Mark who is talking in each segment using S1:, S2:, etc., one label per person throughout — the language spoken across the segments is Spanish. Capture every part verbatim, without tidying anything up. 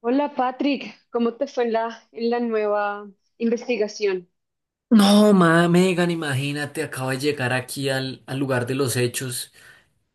S1: Hola Patrick, ¿cómo te fue en la, en la nueva investigación?
S2: No, ma, Megan, imagínate, acabo de llegar aquí al, al lugar de los hechos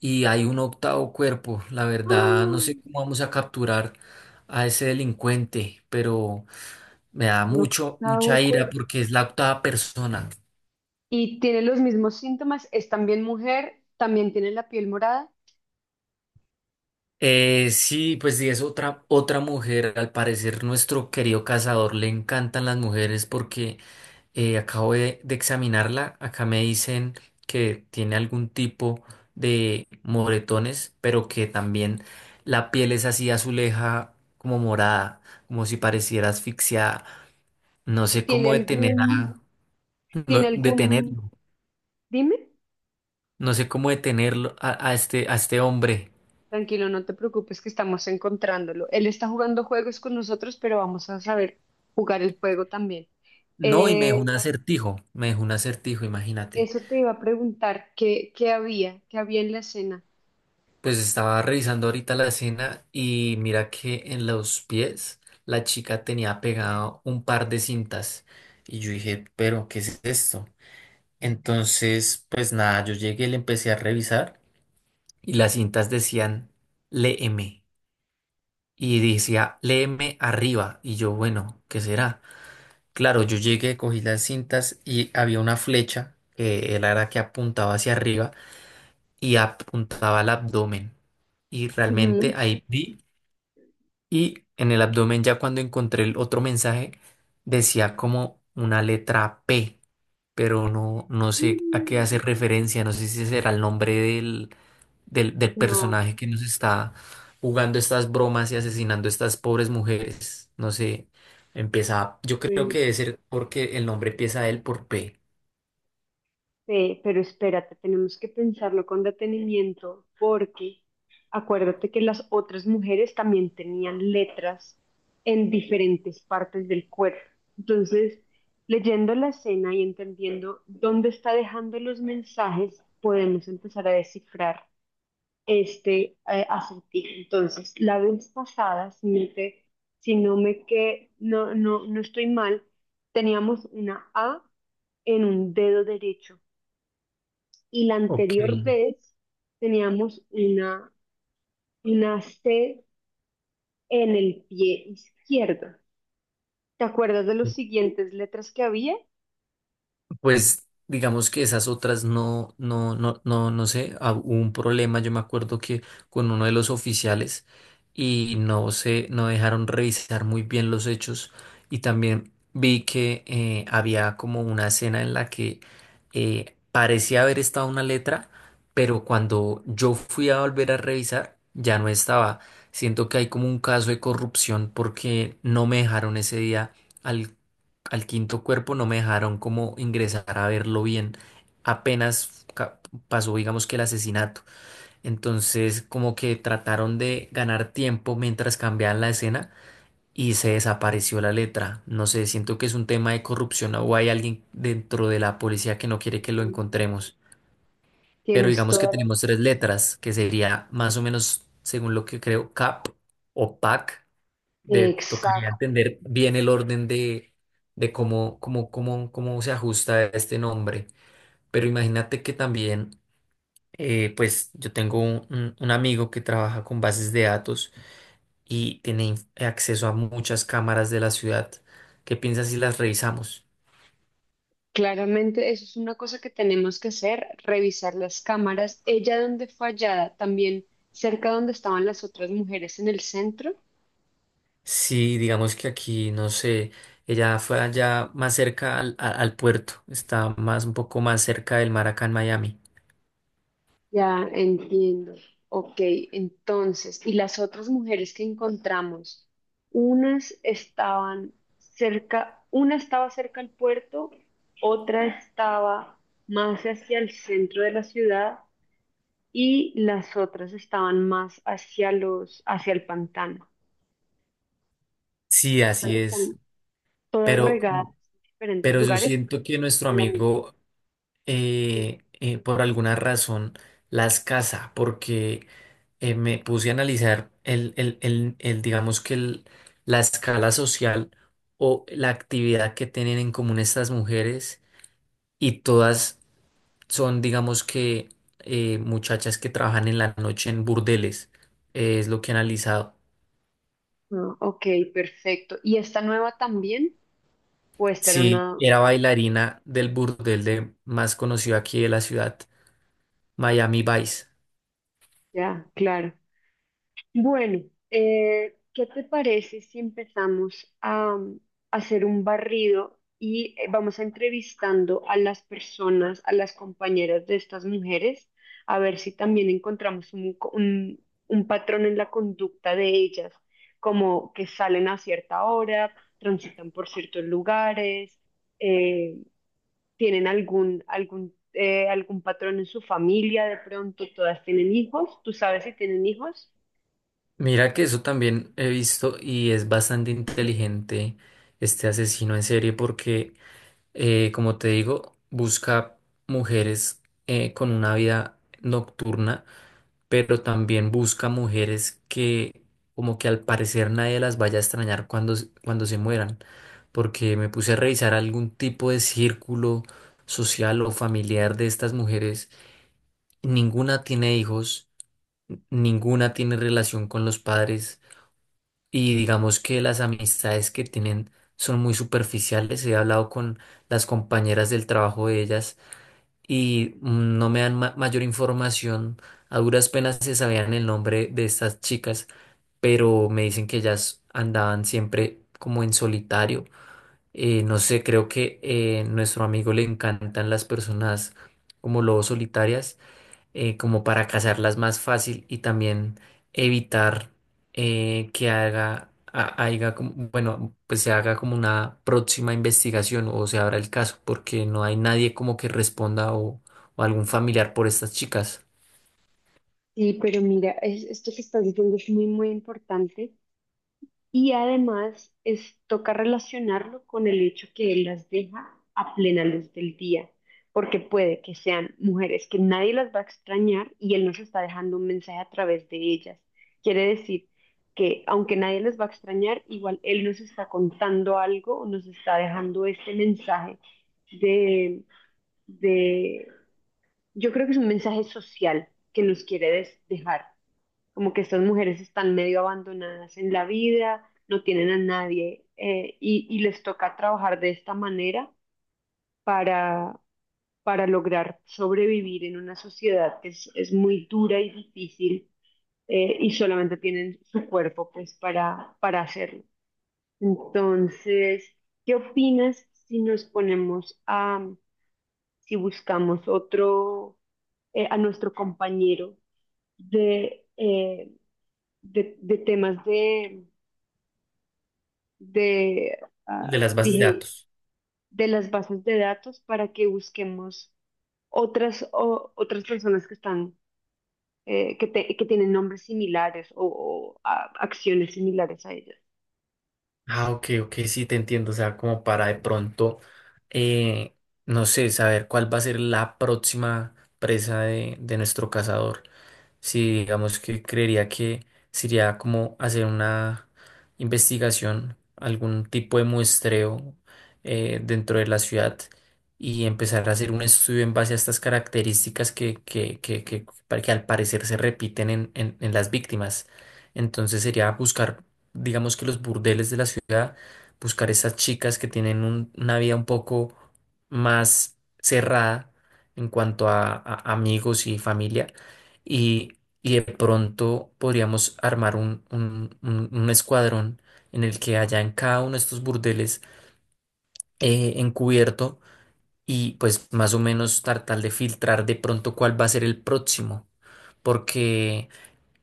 S2: y hay un octavo cuerpo. La verdad, no
S1: ¡Ah!
S2: sé cómo vamos a capturar a ese delincuente, pero me da
S1: Un
S2: mucho, mucha
S1: octavo
S2: ira
S1: cuerpo.
S2: porque es la octava persona.
S1: Y tiene los mismos síntomas, es también mujer, también tiene la piel morada
S2: Eh, sí, pues sí, es otra, otra mujer. Al parecer, nuestro querido cazador le encantan las mujeres porque eh, acabo de, de examinarla. Acá me dicen que tiene algún tipo de moretones, pero que también la piel es así azuleja, como morada, como si pareciera asfixiada. No
S1: y
S2: sé
S1: tiene
S2: cómo detener a,
S1: algún,
S2: no-
S1: tiene algún,
S2: detenerlo.
S1: dime,
S2: No sé cómo detenerlo a, a este, a este hombre.
S1: tranquilo, no te preocupes que estamos encontrándolo. Él está jugando juegos con nosotros, pero vamos a saber jugar el juego también.
S2: No, y me dejó un
S1: Eh,
S2: acertijo. Me dejó un acertijo, imagínate.
S1: Eso te iba a preguntar, ¿qué, qué había? ¿Qué había en la escena?
S2: Pues estaba revisando ahorita la escena y mira que en los pies la chica tenía pegado un par de cintas y yo dije, pero ¿qué es esto? Entonces, pues nada, yo llegué, le empecé a revisar y las cintas decían, léeme, y decía, léeme arriba, y yo, bueno, ¿qué será? Claro, yo llegué, cogí las cintas y había una flecha que era la que apuntaba hacia arriba y apuntaba al abdomen y
S1: Ujú.
S2: realmente ahí vi. Y en el abdomen, ya cuando encontré el otro mensaje, decía como una letra P, pero no, no sé a qué
S1: Mm,
S2: hace referencia, no sé si será el nombre del, del, del
S1: no,
S2: personaje que nos está jugando estas bromas y asesinando a estas pobres mujeres. No sé, empieza, yo creo que
S1: bueno.
S2: debe ser porque el nombre empieza él por P.
S1: Ve, pero espérate, tenemos que pensarlo con detenimiento porque acuérdate que las otras mujeres también tenían letras en diferentes partes del cuerpo. Entonces, leyendo la escena y entendiendo dónde está dejando los mensajes, podemos empezar a descifrar este eh, acertijo. Entonces, la vez pasada, si no te- si no me que no, no, no estoy mal, teníamos una A en un dedo derecho y la
S2: Ok.
S1: anterior vez teníamos una, una C en el pie izquierdo. ¿Te acuerdas de las siguientes letras que había?
S2: Pues digamos que esas otras no, no, no, no, no sé, ah, hubo un problema, yo me acuerdo que con uno de los oficiales y no sé, no dejaron revisar muy bien los hechos y también vi que eh, había como una escena en la que eh, parecía haber estado una letra, pero cuando yo fui a volver a revisar ya no estaba. Siento que hay como un caso de corrupción porque no me dejaron ese día, al quinto cuerpo, no me dejaron como ingresar a verlo bien. Apenas ca- Pasó, digamos que el asesinato. Entonces, como que trataron de ganar tiempo mientras cambiaban la escena y se desapareció la letra. No sé, siento que es un tema de corrupción o hay alguien dentro de la policía que no quiere que lo encontremos. Pero
S1: Tienes
S2: digamos que
S1: toda la...
S2: tenemos tres letras, que sería más o menos, según lo que creo, C A P o P A C. De, tocaría
S1: Exacto.
S2: entender bien el orden de, de cómo, cómo, cómo, cómo se ajusta este nombre. Pero imagínate que también, eh, pues yo tengo un, un- un amigo que trabaja con bases de datos y tiene inf- acceso a muchas cámaras de la ciudad. ¿Qué piensas si las revisamos?
S1: Claramente, eso es una cosa que tenemos que hacer, revisar las cámaras. Ella donde fue hallada, también cerca donde estaban las otras mujeres en el centro.
S2: Sí, digamos que aquí, no sé, ella fue allá más cerca al, a- al puerto, está más un poco más cerca del mar acá en Miami.
S1: Ya entiendo. Ok, entonces, ¿y las otras mujeres que encontramos? Unas estaban cerca, una estaba cerca al puerto, otra estaba más hacia el centro de la ciudad y las otras estaban más hacia los, hacia el pantano.
S2: Sí,
S1: O sea,
S2: así
S1: que
S2: es.
S1: están todas
S2: Pero
S1: regadas en diferentes
S2: Pero yo
S1: lugares
S2: siento que nuestro
S1: en la misma.
S2: amigo, eh, eh, por alguna razón, las casa, porque eh, me puse a analizar el, el- el- el, digamos que el- la escala social o la actividad que tienen en común estas mujeres y todas son, digamos que, eh, muchachas que trabajan en la noche en burdeles. Eh, es lo que he analizado.
S1: Ah, ok, perfecto. ¿Y esta nueva también? Pues era
S2: Sí,
S1: una,
S2: era bailarina del burdel de, más conocido aquí de la ciudad, Miami Vice.
S1: ya, claro. Bueno, eh, ¿qué te parece si empezamos a, um, hacer un barrido y eh, vamos a entrevistando a las personas, a las compañeras de estas mujeres, a ver si también encontramos un, co- un- un patrón en la conducta de ellas, como que salen a cierta hora, transitan por ciertos lugares, eh, tienen algún, algún, eh, algún patrón en su familia, de pronto todas tienen hijos, ¿tú sabes si tienen hijos?
S2: Mira que eso también he visto y es bastante inteligente este asesino en serie porque, eh, como te digo, busca mujeres eh, con una vida nocturna, pero también busca mujeres que, como que al parecer nadie las vaya a extrañar cuando, s- cuando se mueran, porque me puse a revisar algún tipo de círculo social o familiar de estas mujeres. Ninguna tiene hijos, ninguna tiene relación con los padres. Y digamos que las amistades que tienen son muy superficiales. He hablado con las compañeras del trabajo de ellas y mm, no me dan ma- mayor información. A duras penas se sabían el nombre de estas chicas, pero me dicen que ellas andaban siempre como en solitario. Eh, no sé, creo que eh, nuestro amigo le encantan las personas como lobos solitarias, eh, como para cazarlas más fácil y también evitar eh, que haga, ha- haiga como... bueno, pues se haga como una próxima investigación o se abra el caso, porque no hay nadie como que responda, o, o algún familiar por estas chicas.
S1: Sí, pero mira, es, esto que estás diciendo es muy, muy importante y además es, toca relacionarlo con el hecho que él las deja a plena luz del día, porque puede que sean mujeres que nadie las va a extrañar y él nos está dejando un mensaje a través de ellas. Quiere decir que aunque nadie les va a extrañar, igual él nos está contando algo o nos está dejando este mensaje de, de, yo creo que es un mensaje social que nos quiere des- dejar como que estas mujeres están medio abandonadas en la vida, no tienen a nadie eh, y, y les toca trabajar de esta manera para, para lograr sobrevivir en una sociedad que es, es muy dura y difícil eh, y solamente tienen su cuerpo pues para, para hacerlo. Entonces, ¿qué opinas si nos ponemos a, si buscamos otro, eh, a nuestro compañero de... eh, de, de temas de, de,
S2: De
S1: ah,
S2: las bases de
S1: dije,
S2: datos.
S1: de las bases de datos para que busquemos otras, o- otras personas que están, eh, que, te- que tienen nombres similares o, o, ah, acciones similares a ellas.
S2: Ah, ok, ok, sí, te entiendo. O sea, como para de pronto, eh, no sé, saber cuál va a ser la próxima presa de, de nuestro cazador. Sí, digamos que creería que sería como hacer una investigación, algún tipo de muestreo eh, dentro de la ciudad y empezar a hacer un estudio en base a estas características que, que, que, que, para- que al parecer se repiten en, en, en las víctimas. Entonces sería buscar, digamos que los burdeles de la ciudad, buscar esas chicas que tienen un- una vida un poco más cerrada en cuanto a a amigos y familia, y, y de pronto podríamos armar un, un- un- un escuadrón en el que haya en cada uno de estos burdeles eh, encubierto, y pues más o menos tratar de filtrar de pronto cuál va a ser el próximo, porque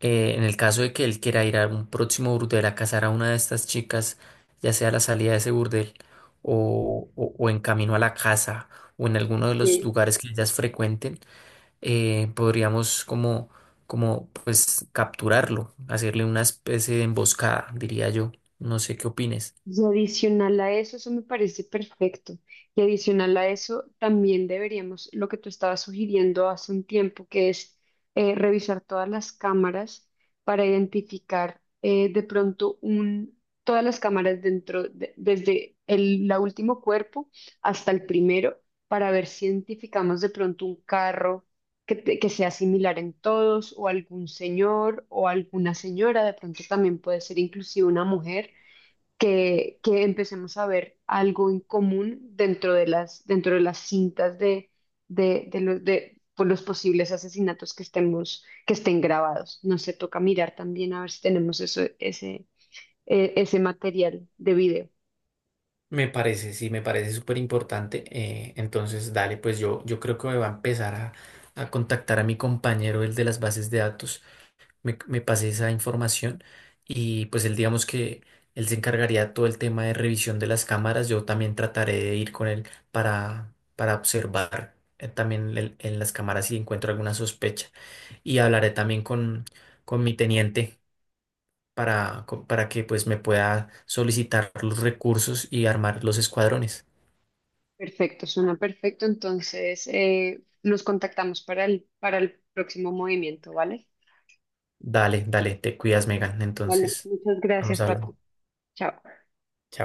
S2: eh, en el caso de que él quiera ir a un próximo burdel a casar a una de estas chicas, ya sea a la salida de ese burdel, o o o en camino a la casa, o en alguno de los
S1: Sí.
S2: lugares que ellas frecuenten, eh, podríamos como, como pues capturarlo, hacerle una especie de emboscada, diría yo. No sé qué opines.
S1: Y adicional a eso, eso me parece perfecto. Y adicional a eso, también deberíamos, lo que tú estabas sugiriendo hace un tiempo, que es eh, revisar todas las cámaras para identificar eh, de pronto un, todas las cámaras dentro, de- desde el la último cuerpo hasta el primero, para ver si identificamos de pronto un carro que, te- que sea similar en todos, o algún señor o alguna señora, de pronto también puede ser inclusive una mujer que, que empecemos a ver algo en común dentro de las, dentro de las cintas de, de, de, los, de por los posibles asesinatos que estemos, que estén grabados. No se toca mirar también a ver si tenemos eso, ese, eh, ese material de video.
S2: Me parece, sí, me parece súper importante. Eh, entonces, dale, pues yo, yo creo que me va a empezar a, a contactar a mi compañero, el de las bases de datos. me, me pase esa información y pues él, digamos que él se encargaría de todo el tema de revisión de las cámaras. Yo también trataré de ir con él para, para observar eh, también el- en las cámaras, si encuentro alguna sospecha, y hablaré también con, con mi teniente para, co- para que pues me pueda solicitar los recursos y armar los escuadrones.
S1: Perfecto, suena perfecto. Entonces, eh, nos contactamos para el, para el próximo movimiento, ¿vale?
S2: Dale, dale, te cuidas, Megan,
S1: Vale,
S2: entonces
S1: muchas
S2: vamos
S1: gracias,
S2: hablando.
S1: Paco. Chao.